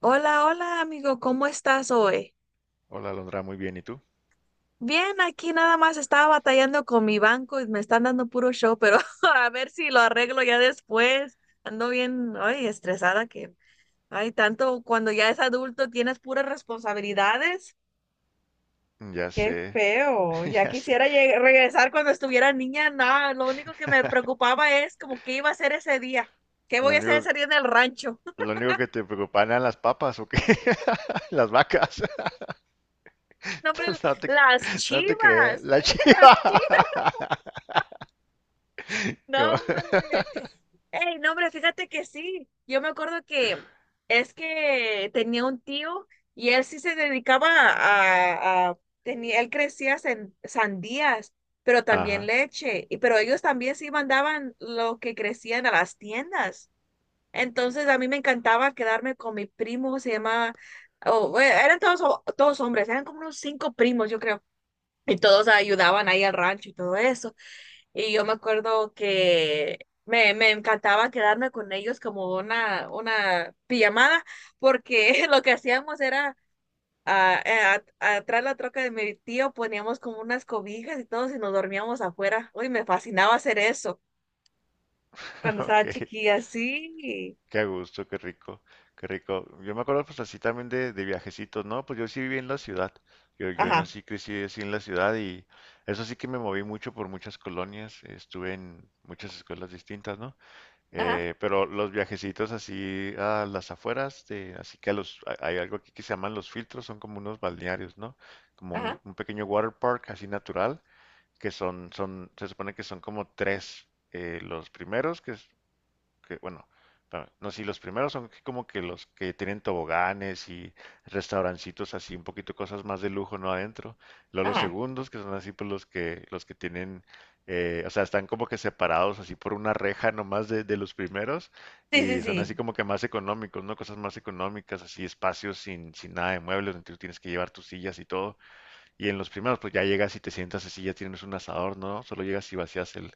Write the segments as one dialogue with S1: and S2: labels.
S1: Hola, hola amigo, ¿cómo estás hoy?
S2: Hola, Alondra, muy bien. ¿Y tú?
S1: Bien, aquí nada más estaba batallando con mi banco y me están dando puro show, pero a ver si lo arreglo ya después. Ando bien, ay, estresada que, ay, tanto cuando ya es adulto tienes puras responsabilidades.
S2: Ya
S1: Qué
S2: sé.
S1: feo, ya
S2: Ya sé.
S1: quisiera regresar cuando estuviera niña, nada, lo único que me preocupaba es como qué iba a hacer ese día, qué
S2: Lo
S1: voy a hacer
S2: único,
S1: ese día en el rancho.
S2: lo único que te preocupan eran las papas, ¿o qué? Las vacas.
S1: No, hombre,
S2: No te,
S1: las
S2: no te creas.
S1: chivas,
S2: La
S1: las
S2: chiva.
S1: chivas.
S2: Como-
S1: No, hombre. Ey, no, hombre, fíjate que sí. Yo me acuerdo que es que tenía un tío y él sí se dedicaba tenía, él crecía sandías, pero también
S2: Ajá.
S1: leche. Y pero ellos también sí mandaban lo que crecían a las tiendas. Entonces a mí me encantaba quedarme con mi primo, se llama, oh, eran todos, todos hombres, eran como unos cinco primos, yo creo. Y todos ayudaban ahí al rancho y todo eso. Y yo me acuerdo que me encantaba quedarme con ellos como una pijamada, porque lo que hacíamos era atrás de la troca de mi tío poníamos como unas cobijas y todos y nos dormíamos afuera. Uy, me fascinaba hacer eso cuando estaba
S2: Ok.
S1: chiquilla, sí.
S2: Qué gusto, qué rico, qué rico. Yo me acuerdo pues así también de viajecitos, ¿no? Pues yo sí viví en la ciudad. Yo
S1: Ajá,
S2: nací, crecí así en la ciudad y eso sí que me moví mucho por muchas colonias. Estuve en muchas escuelas distintas, ¿no?
S1: ajá,
S2: Pero los viajecitos así a las afueras, de, así que a los, a- hay algo aquí que se llaman los filtros, son como unos balnearios, ¿no? Como
S1: ajá,
S2: un pequeño water park así natural, que son, son, se supone que son como tres. Los primeros, que es que, bueno, pa- no, sí, los primeros son como que los que tienen toboganes y restaurancitos así, un poquito cosas más de lujo, ¿no? Adentro. Luego los
S1: ajá.
S2: segundos, que son así, pues los que tienen, o sea, están como que separados así por una reja nomás de los primeros
S1: Sí, sí,
S2: y son así
S1: sí,
S2: como que más económicos, ¿no? Cosas más económicas, así, espacios sin nada de muebles, donde tú tienes que llevar tus sillas y todo. Y en los primeros, pues ya llegas y te sientas así, ya tienes un asador, ¿no? Solo llegas y vacías el,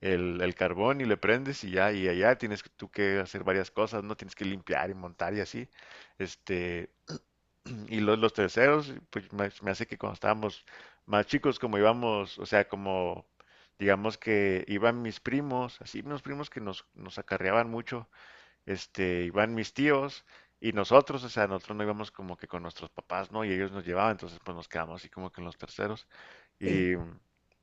S2: el, el carbón y le prendes y ya, y allá tienes que- tú que hacer varias cosas, ¿no? Tienes que limpiar y montar y así. Este, y los terceros, pues me hace que cuando estábamos más chicos, como íbamos, o sea, como digamos que iban mis primos, así, unos primos que nos acarreaban mucho este, iban mis tíos y nosotros, o sea, nosotros no íbamos como que con nuestros papás, ¿no? Y ellos nos llevaban, entonces pues nos quedamos así como que en los terceros.
S1: sí.
S2: Y mm,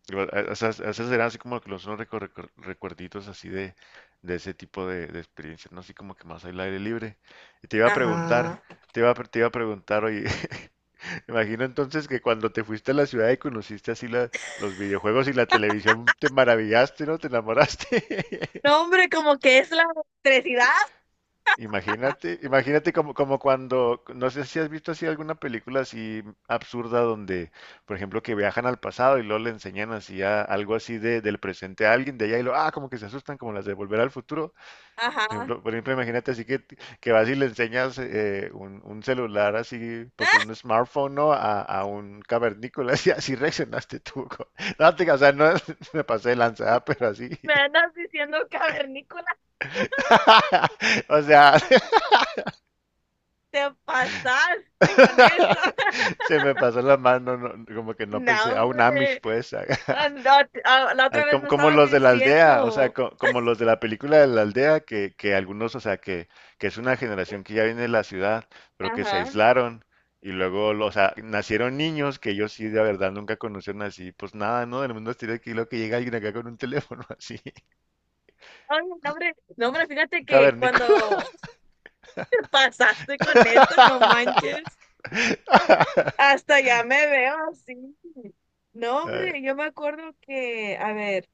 S2: igual, a- esas eran así como que los unos recuerditos así de ese tipo de experiencias, ¿no? Así como que más al aire libre. Y te iba a preguntar,
S1: Ajá.
S2: te iba a preguntar, oye, imagino entonces que cuando te fuiste a la ciudad y conociste así la- los videojuegos y la televisión, te maravillaste, ¿no? Te enamoraste.
S1: No, hombre, como que es la electricidad.
S2: Imagínate, imagínate como, como cuando, no sé si has visto así alguna película así absurda donde, por ejemplo, que viajan al pasado y luego le enseñan así a- algo así de, del presente a alguien de allá y lo, ah, como que se asustan como las de Volver al Futuro.
S1: Ajá.
S2: Por ejemplo, imagínate así que vas y le enseñas un celular así, pues un smartphone, ¿no? A un cavernícola, así, así reaccionaste tú. Co- no, te, o sea, no me pasé de lanzada, pero así.
S1: Me andas diciendo cavernícola.
S2: O sea,
S1: Te pasaste con eso.
S2: se me pasó la mano, no- como que no
S1: No,
S2: pensé, a un Amish
S1: hombre.
S2: pues,
S1: Ah, la, ah, la
S2: a-
S1: otra vez
S2: como,
S1: me
S2: como
S1: estabas
S2: los de la aldea, o sea,
S1: diciendo.
S2: co- como los de la película de la aldea, que algunos, o sea, que es una generación que ya viene de la ciudad, pero que se
S1: Ajá.
S2: aislaron y luego, lo- o sea, nacieron niños que ellos sí de verdad nunca conocieron así, pues nada, ¿no? Del mundo exterior, que lo que llega alguien acá con un teléfono así,
S1: Ay, no, hombre. No, hombre, fíjate que
S2: cavernícola.
S1: cuando te pasaste con eso, no manches. Hasta ya me veo así. No,
S2: Ay,
S1: hombre, yo me acuerdo que, a ver,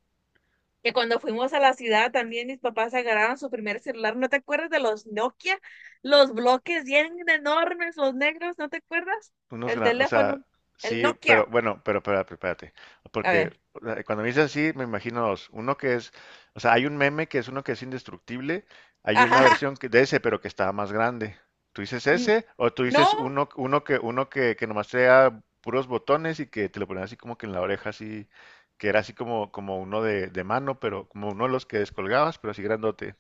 S1: que cuando fuimos a la ciudad también mis papás agarraron su primer celular. ¿No te acuerdas de los Nokia? Los bloques bien enormes, los negros, ¿no te acuerdas?
S2: unos
S1: El
S2: grandes, o sea,
S1: teléfono, el
S2: sí, pero
S1: Nokia.
S2: bueno, pero espérate, espérate.
S1: A
S2: Porque
S1: ver.
S2: o sea, cuando me dices así, me imagino dos. Uno que es, o sea, hay un meme que es uno que es indestructible, hay una
S1: Ajá.
S2: versión que, de ese, pero que está más grande. ¿Tú dices
S1: N-
S2: ese? ¿O tú dices
S1: No,
S2: uno, uno que nomás sea puros botones y que te lo ponen así como que en la oreja, así, que era así como, como uno de mano, pero como uno de los que descolgabas, pero así grandote?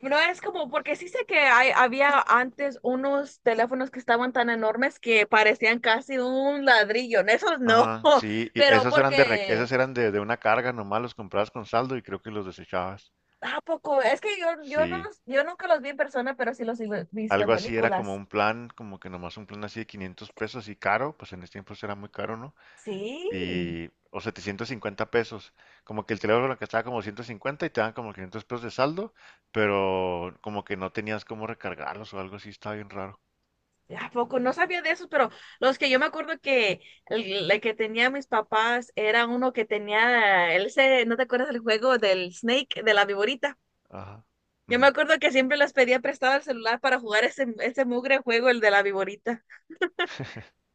S1: no es como, porque sí sé que hay, había antes unos teléfonos que estaban tan enormes que parecían casi un ladrillo. En esos no,
S2: Ajá, sí, y
S1: pero
S2: esos eran de, re-
S1: porque,
S2: esos eran de una carga nomás, los comprabas con saldo y creo que los desechabas.
S1: ¿a poco? Es que yo no,
S2: Sí,
S1: yo nunca los vi en persona, pero sí los he visto en
S2: algo así era como
S1: películas.
S2: un plan, como que nomás un plan así de 500 pesos y caro, pues en ese tiempo era muy caro, ¿no?
S1: Sí.
S2: Y, o 750 pesos, como que el teléfono que estaba como 150 y te dan como 500 pesos de saldo, pero como que no tenías cómo recargarlos o algo así, estaba bien raro.
S1: ¿A poco? No sabía de esos, pero los que yo me acuerdo que el que tenía mis papás era uno que tenía, él se, ¿no te acuerdas del juego del Snake, de la viborita?
S2: Ajá.
S1: Yo me
S2: Ujú.
S1: acuerdo que siempre les pedía prestado el celular para jugar ese mugre juego, el de la viborita.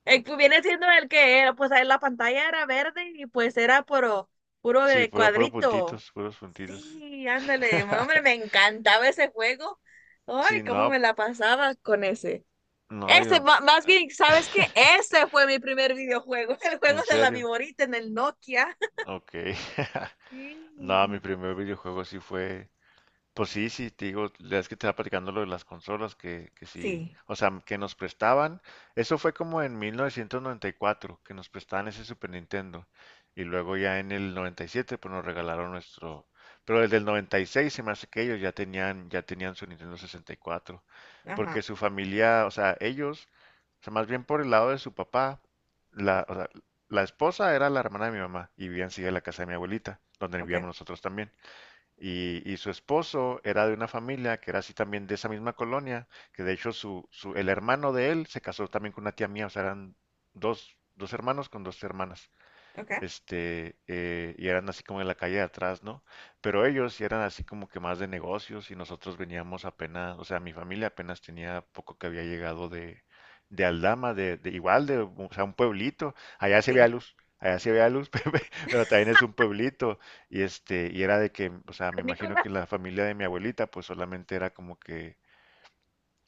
S1: El que viene siendo el que era, pues ahí la pantalla era verde y pues era puro, puro
S2: Sí,
S1: de
S2: puro, puro
S1: cuadrito.
S2: puntitos, puros puntitos.
S1: Sí, ándale, no, hombre, me encantaba ese juego.
S2: Sí,
S1: Ay,
S2: no,
S1: cómo me la pasaba con ese.
S2: no,
S1: Ese,
S2: yo...
S1: más bien, ¿sabes qué? Ese fue mi primer videojuego, el juego
S2: ¿En
S1: de la
S2: serio?
S1: viborita en el Nokia.
S2: Ok. No, mi
S1: Sí,
S2: primer videojuego sí fue, pues sí, sí, te digo, la vez que te estaba platicando lo de las consolas, que sí,
S1: sí,
S2: o sea, que nos prestaban, eso fue como en 1994, que nos prestaban ese Super Nintendo, y luego ya en el 97, pues nos regalaron nuestro, pero desde el 96 se me hace que ellos ya tenían su Nintendo 64, porque
S1: ajá,
S2: su familia, o sea, ellos, o sea, más bien por el lado de su papá, la, o sea, la esposa era la hermana de mi mamá, y vivían sí en la casa de mi abuelita, donde
S1: ok,
S2: vivíamos nosotros también. Y su esposo era de una familia que era así también de esa misma colonia, que de hecho su, el hermano de él se casó también con una tía mía, o sea, eran dos hermanos con dos hermanas
S1: ok,
S2: este, y eran así como en la calle de atrás, ¿no? Pero ellos sí eran así como que más de negocios y nosotros veníamos apenas, o sea, mi familia apenas tenía poco que había llegado de Aldama, de igual, de, o sea, un pueblito, allá se veía
S1: sí.
S2: luz. Allá se veía luz, pero también es un pueblito. Y este, y era de que, o sea, me imagino que
S1: Nicolás,
S2: la familia de mi abuelita, pues solamente era como que,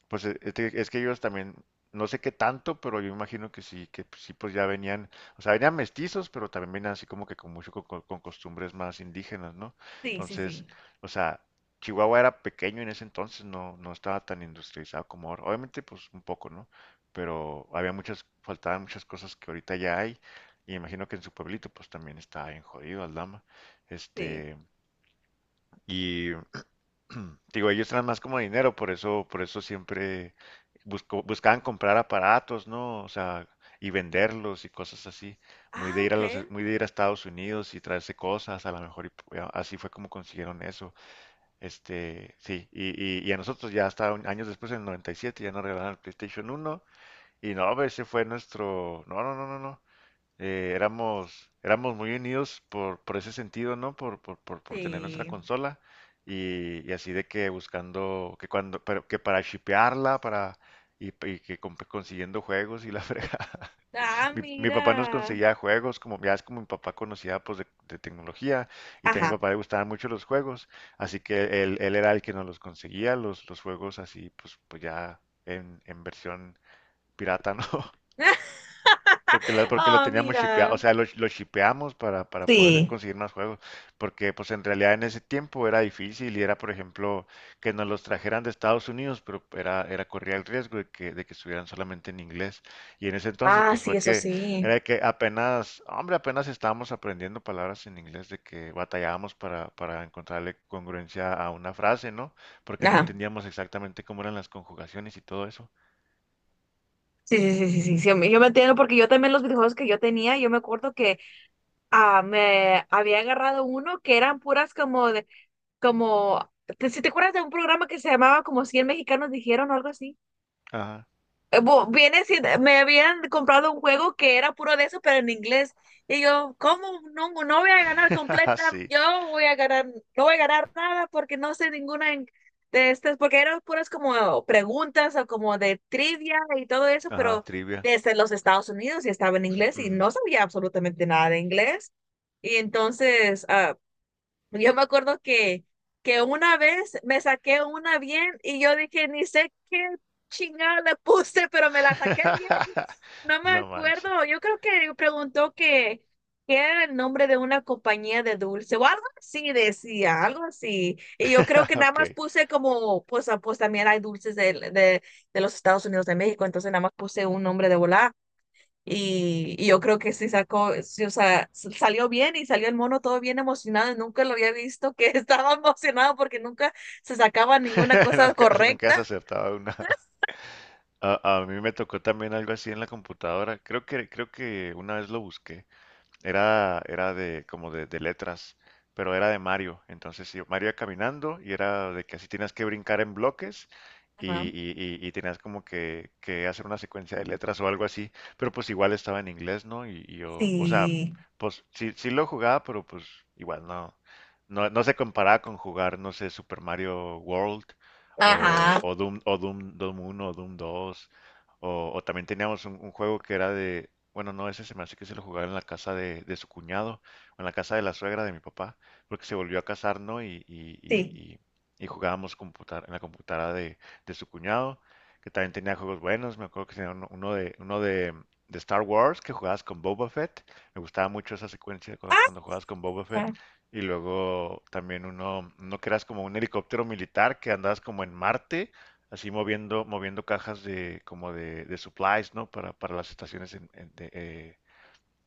S2: pues e- es que ellos también, no sé qué tanto, pero yo imagino que sí, pues ya venían, o sea, venían mestizos, pero también venían así como que con mucho co- co- con, costumbres más indígenas, ¿no?
S1: sí, sí,
S2: Entonces,
S1: sí,
S2: o sea, Chihuahua era pequeño en ese entonces, no, no estaba tan industrializado como ahora. Obviamente, pues un poco, ¿no? Pero había muchas, faltaban muchas cosas que ahorita ya hay, y imagino que en su pueblito, pues también está bien jodido Aldama.
S1: sí.
S2: Este, y digo, ellos eran más como dinero, por eso siempre buscó- buscaban comprar aparatos, ¿no? O sea, y venderlos y cosas así. Muy
S1: Ah,
S2: de ir a
S1: ok.
S2: los, muy de ir a Estados Unidos y traerse cosas, a lo mejor, y p- a- así fue como consiguieron eso. Este, sí, y a nosotros ya hasta un- años después, en el 97, ya nos regalaron el PlayStation uno y no, ese fue nuestro, no, no, no, no, no éramos, éramos muy unidos por ese sentido, ¿no? Por tener nuestra
S1: Sí.
S2: consola y así de que buscando, que cuando, pero que para shipearla, para, y que comp- consiguiendo juegos y la fregada.
S1: Ah,
S2: Mi papá nos
S1: mira.
S2: conseguía juegos, como ya es como mi papá conocía pues de tecnología y también a mi
S1: Ajá.
S2: papá le gustaban mucho los juegos, así que él era el que nos los conseguía, los juegos así pues, pues ya en versión pirata, ¿no? Porque, la- porque lo
S1: Ah,
S2: teníamos shipeado, o
S1: mira.
S2: sea, lo shipeamos para poder
S1: Sí.
S2: conseguir más juegos, porque pues en realidad en ese tiempo era difícil y era, por ejemplo, que nos los trajeran de Estados Unidos, pero era, era corría el riesgo de que estuvieran solamente en inglés. Y en ese entonces
S1: Ah,
S2: pues
S1: sí,
S2: fue
S1: eso
S2: que,
S1: sí.
S2: era que apenas, hombre, apenas estábamos aprendiendo palabras en inglés, de que batallábamos para encontrarle congruencia a una frase, ¿no? Porque no
S1: Ajá.
S2: entendíamos exactamente cómo eran las conjugaciones y todo eso.
S1: Sí, sí, sí, sí, sí, sí, yo me entiendo porque yo también los videojuegos que yo tenía, yo me acuerdo que me había agarrado uno que eran puras como de, como, ¿ si te acuerdas de un programa que se llamaba como 100 mexicanos dijeron o algo así?
S2: Ajá.
S1: Viene siendo, me habían comprado un juego que era puro de eso, pero en inglés. Y yo, ¿cómo? No, no voy a ganar completa,
S2: Sí.
S1: yo voy a ganar, no voy a ganar nada porque no sé ninguna de estas, porque eran puras como preguntas o como de trivia y todo eso,
S2: Ajá,
S1: pero
S2: trivia.
S1: desde los Estados Unidos y estaba en inglés y
S2: Ujú.
S1: no sabía absolutamente nada de inglés. Y entonces, yo me acuerdo que una vez me saqué una bien y yo dije, ni sé qué chingada le puse, pero me la saqué bien. No me
S2: No manches.
S1: acuerdo. Yo creo que preguntó que, qué era el nombre de una compañía de dulce o algo así decía, algo así. Y yo creo que nada más
S2: Ok.
S1: puse como, pues, ah, pues también hay dulces de los Estados Unidos de México, entonces nada más puse un nombre de volar. Y yo creo que sí sacó, sí, o sea, salió bien y salió el mono todo bien emocionado. Y nunca lo había visto que estaba emocionado porque nunca se sacaba ninguna cosa
S2: Nunca, nunca has
S1: correcta.
S2: acertado una. A mí me tocó también algo así en la computadora. Creo que una vez lo busqué. Era, era de como de letras, pero era de Mario. Entonces, sí, Mario iba caminando y era de que así tenías que brincar en bloques y,
S1: Ajá.
S2: y, y tenías como que hacer una secuencia de letras o algo así. Pero pues igual estaba en inglés, ¿no? Y yo, o sea,
S1: Sí,
S2: pues sí, sí lo jugaba, pero pues igual no, no, no se comparaba con jugar, no sé, Super Mario World
S1: ajá,
S2: o Doom, Doom uno o Doom 2 o también teníamos un juego que era de, bueno, no, ese se me hace que se lo jugaba en la casa de su cuñado, o en la casa de la suegra de mi papá, porque se volvió a casar, ¿no? Y, y, y-
S1: sí.
S2: y- y jugábamos computar, en la computadora de su cuñado, que también tenía juegos buenos, me acuerdo que tenía uno, uno de Star Wars, que jugabas con Boba Fett, me gustaba mucho esa secuencia cuando,
S1: Ah,
S2: cuando jugabas con Boba Fett, y luego también uno, uno que eras como un helicóptero militar, que andabas como en Marte, así moviendo, moviendo cajas de como de supplies, ¿no? Para las estaciones en-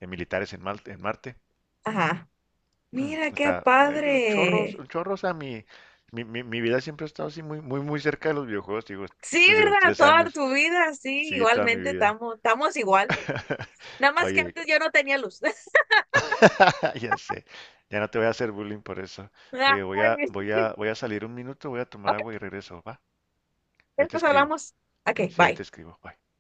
S2: de militares en, Mal- en Marte.
S1: ajá. Mira qué
S2: Está
S1: padre.
S2: un chorro, o sea, mi vida siempre ha estado así muy, muy, muy cerca de los videojuegos, digo,
S1: Sí,
S2: desde los
S1: ¿verdad?
S2: tres
S1: Toda
S2: años,
S1: tu vida, sí,
S2: sí, toda mi
S1: igualmente
S2: vida.
S1: estamos, estamos igual. Nada más que
S2: Oye,
S1: antes yo no tenía luz.
S2: ya sé, ya no te voy a hacer bullying por eso. Oye, voy a,
S1: Ay,
S2: voy a, voy a salir un minuto, voy a tomar
S1: ok,
S2: agua y regreso, ¿va? Ahí te
S1: después
S2: escribo.
S1: hablamos. Ok,
S2: Sí, ahí te
S1: bye.
S2: escribo. Bye.